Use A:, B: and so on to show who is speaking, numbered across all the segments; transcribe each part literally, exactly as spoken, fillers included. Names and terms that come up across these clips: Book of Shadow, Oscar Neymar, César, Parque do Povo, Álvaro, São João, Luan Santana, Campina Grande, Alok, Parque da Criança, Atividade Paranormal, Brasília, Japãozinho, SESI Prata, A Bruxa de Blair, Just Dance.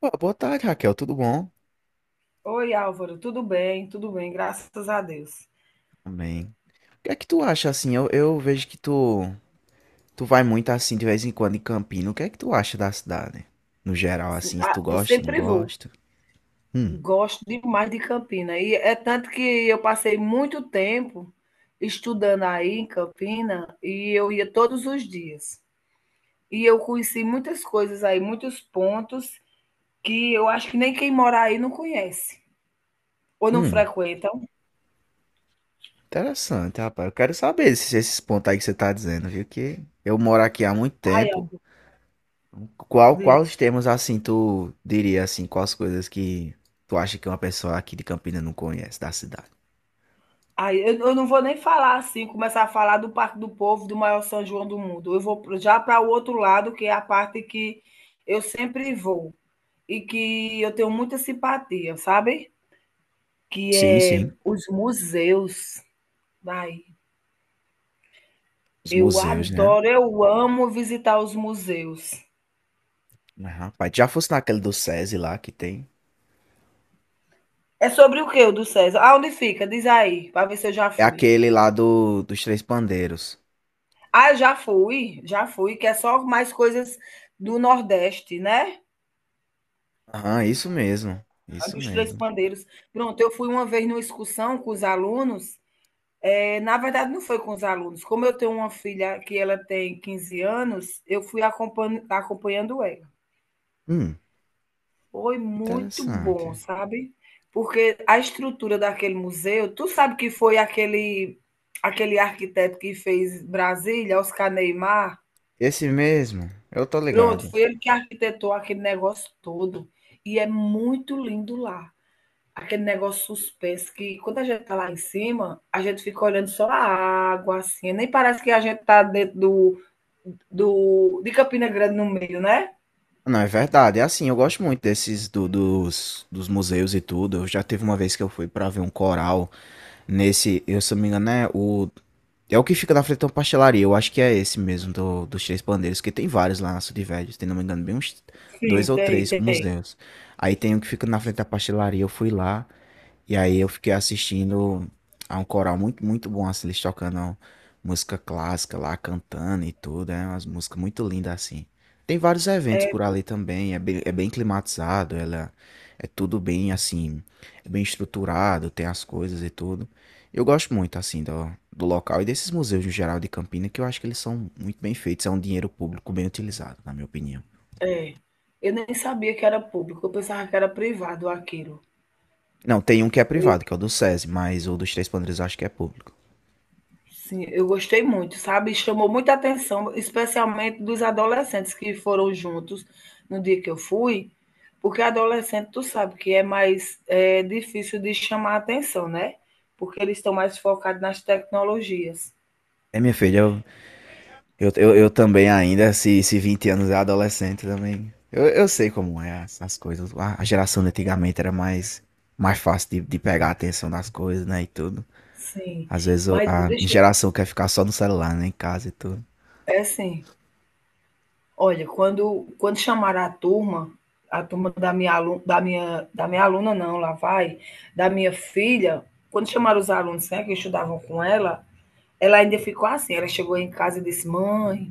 A: Pô, boa tarde, Raquel, tudo bom?
B: Oi, Álvaro, tudo bem? Tudo bem, graças a Deus.
A: Também. O que é que tu acha assim? Eu, eu vejo que tu, tu vai muito assim de vez em quando em Campina. O que é que tu acha da cidade? No geral,
B: Sim,
A: assim, se
B: ah,
A: tu
B: Eu
A: gosta, não
B: sempre vou.
A: gosta? Hum.
B: Gosto demais de Campina. E é tanto que eu passei muito tempo estudando aí em Campina e eu ia todos os dias. E eu conheci muitas coisas aí, muitos pontos que eu acho que nem quem mora aí não conhece ou não
A: Hum,
B: frequentam.
A: interessante, rapaz. Eu quero saber esses, esses pontos aí que você tá dizendo, viu? Que eu moro aqui há muito
B: Ai,
A: tempo.
B: Álvaro,
A: Qual, quais
B: diz.
A: temas assim tu diria assim? Quais coisas que tu acha que uma pessoa aqui de Campina não conhece da cidade?
B: Aí, eu, eu não vou nem falar assim, começar a falar do Parque do Povo, do maior São João do mundo. Eu vou pro- já para o outro lado, que é a parte que eu sempre vou e que eu tenho muita simpatia, sabe? Que
A: Sim,
B: é
A: sim.
B: os museus. Ai,
A: Os
B: eu
A: museus, né?
B: adoro, eu amo visitar os museus.
A: Mas, rapaz, já fosse naquele do SESI lá que tem.
B: É sobre o que o do César? Ah, onde fica? Diz aí, para ver se eu já
A: É
B: fui.
A: aquele lá do, dos Três Pandeiros.
B: Ah, já fui, já fui, que é só mais coisas do Nordeste, né?
A: Aham, isso mesmo.
B: A
A: Isso
B: dos três
A: mesmo.
B: pandeiros. Pronto, eu fui uma vez numa excursão com os alunos. É, na verdade, não foi com os alunos. Como eu tenho uma filha que ela tem quinze anos, eu fui acompanhando. acompanhando ela.
A: Hum,
B: Foi muito bom,
A: interessante.
B: sabe? Porque a estrutura daquele museu, tu sabe que foi aquele aquele arquiteto que fez Brasília, Oscar Neymar?
A: Esse mesmo, eu tô
B: Pronto,
A: ligado.
B: foi ele que arquitetou aquele negócio todo. E é muito lindo lá. Aquele negócio suspenso que quando a gente tá lá em cima, a gente fica olhando só a água, assim, nem parece que a gente tá dentro do, do de Campina Grande no meio, né?
A: Não, é verdade. É assim, eu gosto muito desses do- dos, dos museus e tudo. Eu já teve uma vez que eu fui pra ver um coral nesse, eu se não me engano, é o. É o que fica na frente de uma pastelaria. Eu acho que é esse mesmo do, dos Três Pandeiros, que tem vários lá na Cidade Velha. Tem, não me engano, bem uns dois
B: Sim,
A: ou
B: tem,
A: três
B: tem.
A: museus. Aí tem um que fica na frente da pastelaria. Eu fui lá e aí eu fiquei assistindo a um coral muito, muito bom, assim, eles tocando música clássica lá, cantando e tudo. É umas músicas muito lindas assim. Tem vários eventos
B: É,
A: por ali também. É bem, é bem climatizado, ela é tudo bem assim, é bem estruturado, tem as coisas e tudo. Eu gosto muito, assim, do, do local e desses museus no geral de Campina, que eu acho que eles são muito bem feitos, é um dinheiro público bem utilizado, na minha opinião.
B: é eu nem sabia que era público, eu pensava que era privado aquilo.
A: Não, tem um que é
B: Eu
A: privado, que é o do SESI, mas o dos Três Pandeiros eu acho que é público.
B: Sim, eu gostei muito, sabe? Chamou muita atenção, especialmente dos adolescentes que foram juntos no dia que eu fui, porque adolescente, tu sabe que é mais é, difícil de chamar atenção, né? Porque eles estão mais focados nas tecnologias.
A: É, minha filha, eu, eu, eu, eu também ainda, se, se vinte anos é adolescente também, eu, eu sei como é as, as coisas. A, a geração de antigamente era mais, mais fácil de, de pegar a atenção das coisas, né, e tudo.
B: Sim,
A: Às vezes o-
B: mas
A: a
B: deixa,
A: geração quer ficar só no celular, né, em casa e tudo.
B: é assim, olha, quando, quando chamaram a turma, a turma da minha aluna, da minha, da minha aluna não, lá vai, da minha filha, quando chamaram os alunos, né, que estudavam com ela, ela ainda ficou assim, ela chegou em casa e disse, mãe,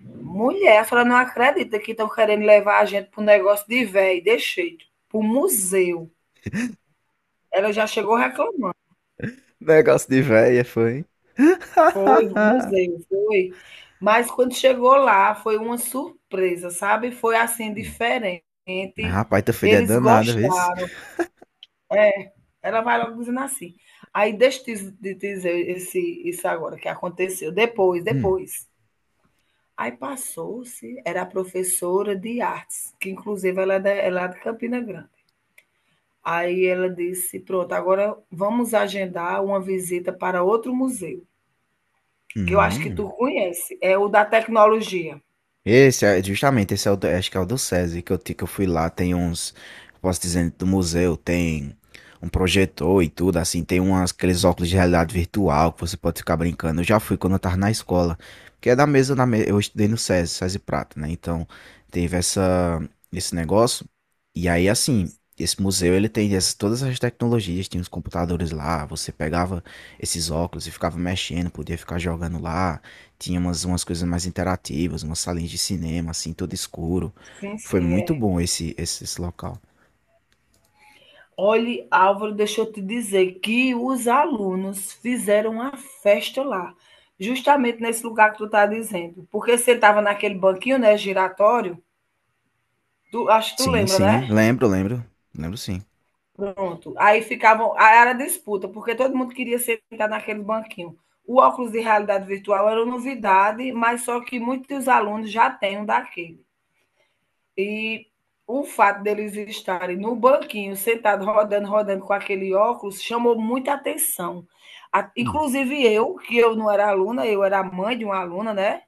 B: mulher, a senhora não acredita que estão querendo levar a gente para um negócio de velho, deixei, para o museu. Ela já chegou reclamando.
A: Negócio de véia, foi.
B: Foi, no museu, foi. Mas quando chegou lá, foi uma surpresa, sabe? Foi assim, diferente.
A: Rapaz, teu filho é
B: Eles
A: danado, vê se.
B: gostaram. É, ela vai logo dizendo assim. Aí deixa eu te dizer esse, isso agora que aconteceu. Depois,
A: Hum.
B: depois. Aí passou-se, era a professora de artes, que inclusive ela é da- ela é lá de Campina Grande. Aí ela disse: pronto, agora vamos agendar uma visita para outro museu, que eu acho que
A: Hum.
B: tu conhece, é o da tecnologia.
A: Esse é justamente, esse é o do, acho que é o do SESI que eu, ti- que eu fui lá, tem uns, posso dizer, do museu, tem um projetor e tudo, assim, tem umas, aqueles óculos de realidade virtual que você pode ficar brincando. Eu já fui quando eu tava na escola, que é da mesma, da me- eu estudei no SESI, SESI Prata, né? Então, teve essa, esse negócio. E aí, assim, esse museu, ele tem essas, todas as tecnologias, tinha os computadores lá, você pegava esses óculos e ficava mexendo, podia ficar jogando lá. Tinha umas, umas coisas mais interativas, umas salinhas de cinema, assim, todo escuro.
B: Sim,
A: Foi
B: sim,
A: muito
B: é.
A: bom esse, esse, esse local.
B: Olhe, Álvaro, deixa eu te dizer que os alunos fizeram uma festa lá, justamente nesse lugar que tu tá dizendo. Porque sentava naquele banquinho, né, giratório, tu, acho que tu
A: Sim,
B: lembra, né?
A: sim, lembro, lembro. Lembro sim.
B: Pronto. Aí ficavam. Aí era disputa, porque todo mundo queria sentar naquele banquinho. O óculos de realidade virtual era novidade, mas só que muitos alunos já têm um daquele. E o fato deles estarem no banquinho, sentado, rodando, rodando com aquele óculos, chamou muita atenção. A-
A: Hum.
B: Inclusive eu, que eu não era aluna, eu era mãe de uma aluna, né?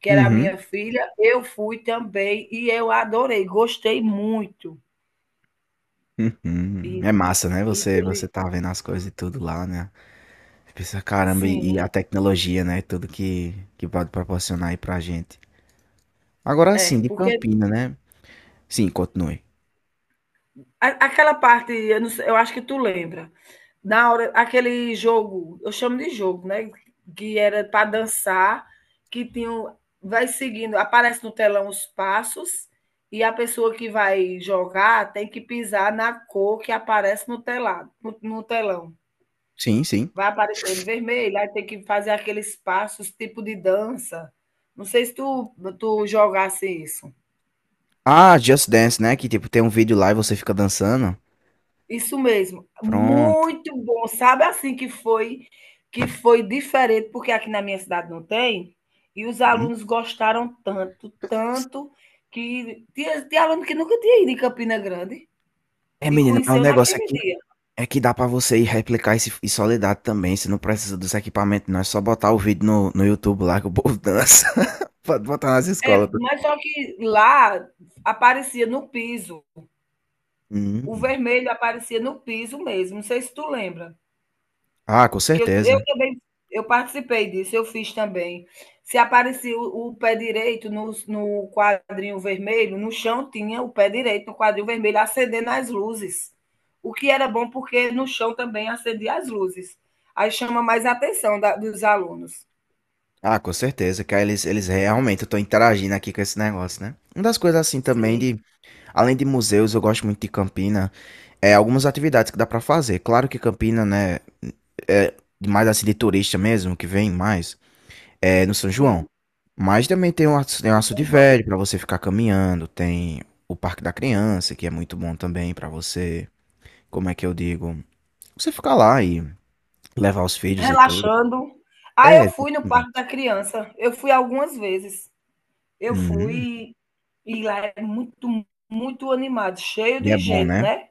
B: Que era a minha
A: Uhum.
B: filha, eu fui também e eu adorei, gostei muito.
A: Uhum.
B: E,
A: É massa, né?
B: e
A: Você,
B: teve,
A: você tá vendo as coisas e tudo lá, né? Você pensa, caramba, e, e a
B: sim,
A: tecnologia, né? Tudo que, que pode proporcionar aí pra gente. Agora
B: é,
A: sim, de
B: porque
A: Campina, né? Sim, continue.
B: A- Aquela parte, eu, não sei- eu acho que tu lembra. Na hora, aquele jogo, eu chamo de jogo, né? Que era para dançar, que tinha, um- vai seguindo, aparece no telão os passos e a pessoa que vai jogar tem que pisar na cor que aparece no telado, no, no telão.
A: Sim, sim.
B: Vai aparecendo vermelho, aí tem que fazer aqueles passos, tipo de dança. Não sei se tu, tu jogasse isso.
A: Ah, Just Dance, né? Que tipo, tem um vídeo lá e você fica dançando.
B: Isso mesmo,
A: Pronto.
B: muito bom. Sabe assim que foi que foi diferente, porque aqui na minha cidade não tem, e os
A: Uhum.
B: alunos gostaram tanto, tanto, que tinha, tinha aluno que nunca tinha ido em Campina Grande
A: É,
B: e
A: menina, mas o
B: conheceu
A: negócio
B: naquele
A: aqui.
B: dia.
A: É que dá pra você ir replicar esse em Soledade também. Você não precisa dos equipamentos, não. É só botar o vídeo no, no YouTube lá que o povo dança. Pode botar nas
B: É,
A: escolas.
B: mas só que lá aparecia no piso, o
A: Hum.
B: vermelho aparecia no piso mesmo, não sei se tu lembra.
A: Ah, com
B: Que eu,
A: certeza.
B: eu também eu participei disso, eu fiz também. Se aparecia o, o pé direito no, no quadrinho vermelho, no chão tinha o pé direito no quadrinho vermelho acendendo as luzes. O que era bom porque no chão também acendia as luzes. Aí chama mais a atenção da- dos alunos.
A: Ah, com certeza. Que aí eles, eles realmente estão interagindo aqui com esse negócio, né? Uma das coisas assim também
B: Sim,
A: de, além de museus, eu gosto muito de Campina, é algumas atividades que dá pra fazer. Claro que Campina, né, é mais assim de turista mesmo, que vem mais. É no São João.
B: sim,
A: Mas também tem um Aço, tem o Aço
B: São João.
A: Velho para você ficar caminhando, tem o Parque da Criança, que é muito bom também para você, como é que eu digo, você ficar lá e levar os filhos e tudo.
B: Relaxando. Ah,
A: É,
B: eu fui no Parque da
A: exatamente.
B: Criança. Eu fui algumas vezes. Eu
A: Uhum.
B: fui e lá é muito, muito animado, cheio
A: E é
B: de
A: bom,
B: gente,
A: né?
B: né?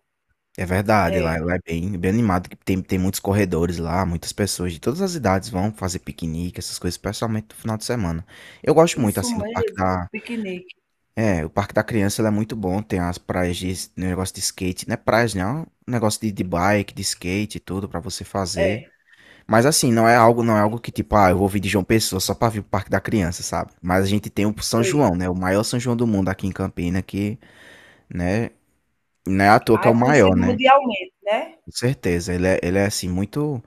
A: É verdade, lá,
B: É.
A: lá é bem, bem animado, que tem, tem muitos corredores lá, muitas pessoas de todas as idades vão fazer piquenique, essas coisas, especialmente no final de semana. Eu gosto muito,
B: Isso
A: assim, do Parque
B: mesmo,
A: da.
B: piquenique.
A: É, o Parque da Criança ele é muito bom, tem as praias de s- negócio de skate, não é praias, né? É um negócio de, de bike, de skate e tudo pra você fazer.
B: É,
A: Mas assim, não é algo, não é algo que tipo, ah, eu vou vir de João Pessoa só pra vir pro Parque da Criança, sabe? Mas a gente tem o São
B: sei.
A: João, né? O maior São João do mundo aqui em Campina, que, né, não é à toa que
B: Ah,
A: é
B: é
A: o maior,
B: conhecido
A: né?
B: mundialmente, né.
A: Com certeza, ele é, ele é assim muito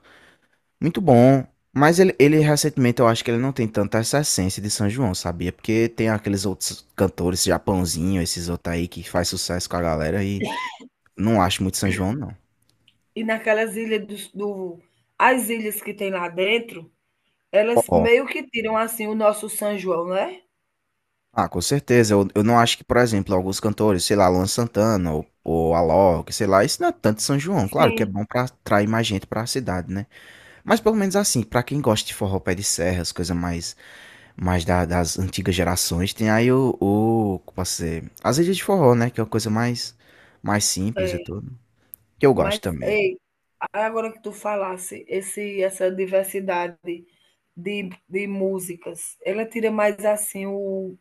A: muito bom. Mas ele, ele recentemente eu acho que ele não tem tanta essa essência de São João, sabia? Porque tem aqueles outros cantores, Japãozinho, esses outros aí que faz sucesso com a galera e não acho muito São João, não.
B: E naquelas ilhas dos do as ilhas que tem lá dentro, elas
A: Ó.
B: meio que tiram, assim, o nosso São João, né.
A: Ah, com certeza. Eu, eu não acho que, por exemplo, alguns cantores, sei lá, Luan Santana ou, ou Alok, sei lá, isso não é tanto São João. Claro que é
B: Sim,
A: bom pra atrair mais gente pra cidade, né? Mas pelo menos assim, pra quem gosta de forró pé de serra, as coisas mais mais da- das antigas gerações. Tem aí o, o, como posso dizer, as ilhas de forró, né? Que é uma coisa mais, mais simples e
B: é.
A: tudo. Que eu
B: Mas,
A: gosto também.
B: ei, agora que tu falasse, esse essa diversidade de de músicas, ela tira mais, assim, o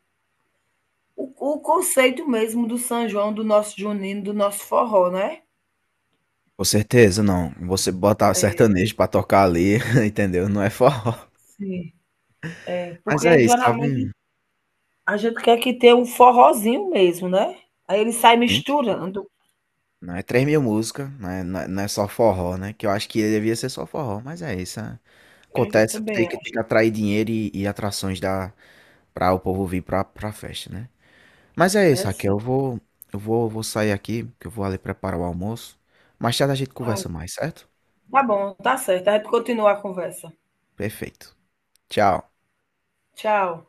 B: o o conceito mesmo do São João, do nosso junino, do nosso forró, né.
A: Com certeza, não. Você botar sertanejo pra tocar ali, entendeu? Não é forró.
B: Sim, é,
A: Mas
B: porque
A: é isso,
B: geralmente
A: sabe?
B: a gente quer que tenha um forrozinho mesmo, né. Aí ele sai
A: Sim, sim.
B: misturando.
A: Não é três mil músicas, não é, não é não é só forró, né? Que eu acho que devia ser só forró, mas é isso. Né?
B: É, eu
A: Acontece, tem
B: também
A: que, tem que
B: acho.
A: atrair dinheiro e, e atrações da, pra o povo vir pra, pra festa, né? Mas é isso,
B: É
A: Raquel.
B: sim.
A: Eu vou, eu vou, vou sair aqui, que eu vou ali preparar o almoço. Mais tarde a gente
B: Ah,
A: conversa mais, certo?
B: tá bom, tá certo. A gente continua a conversa.
A: Perfeito. Tchau.
B: Tchau.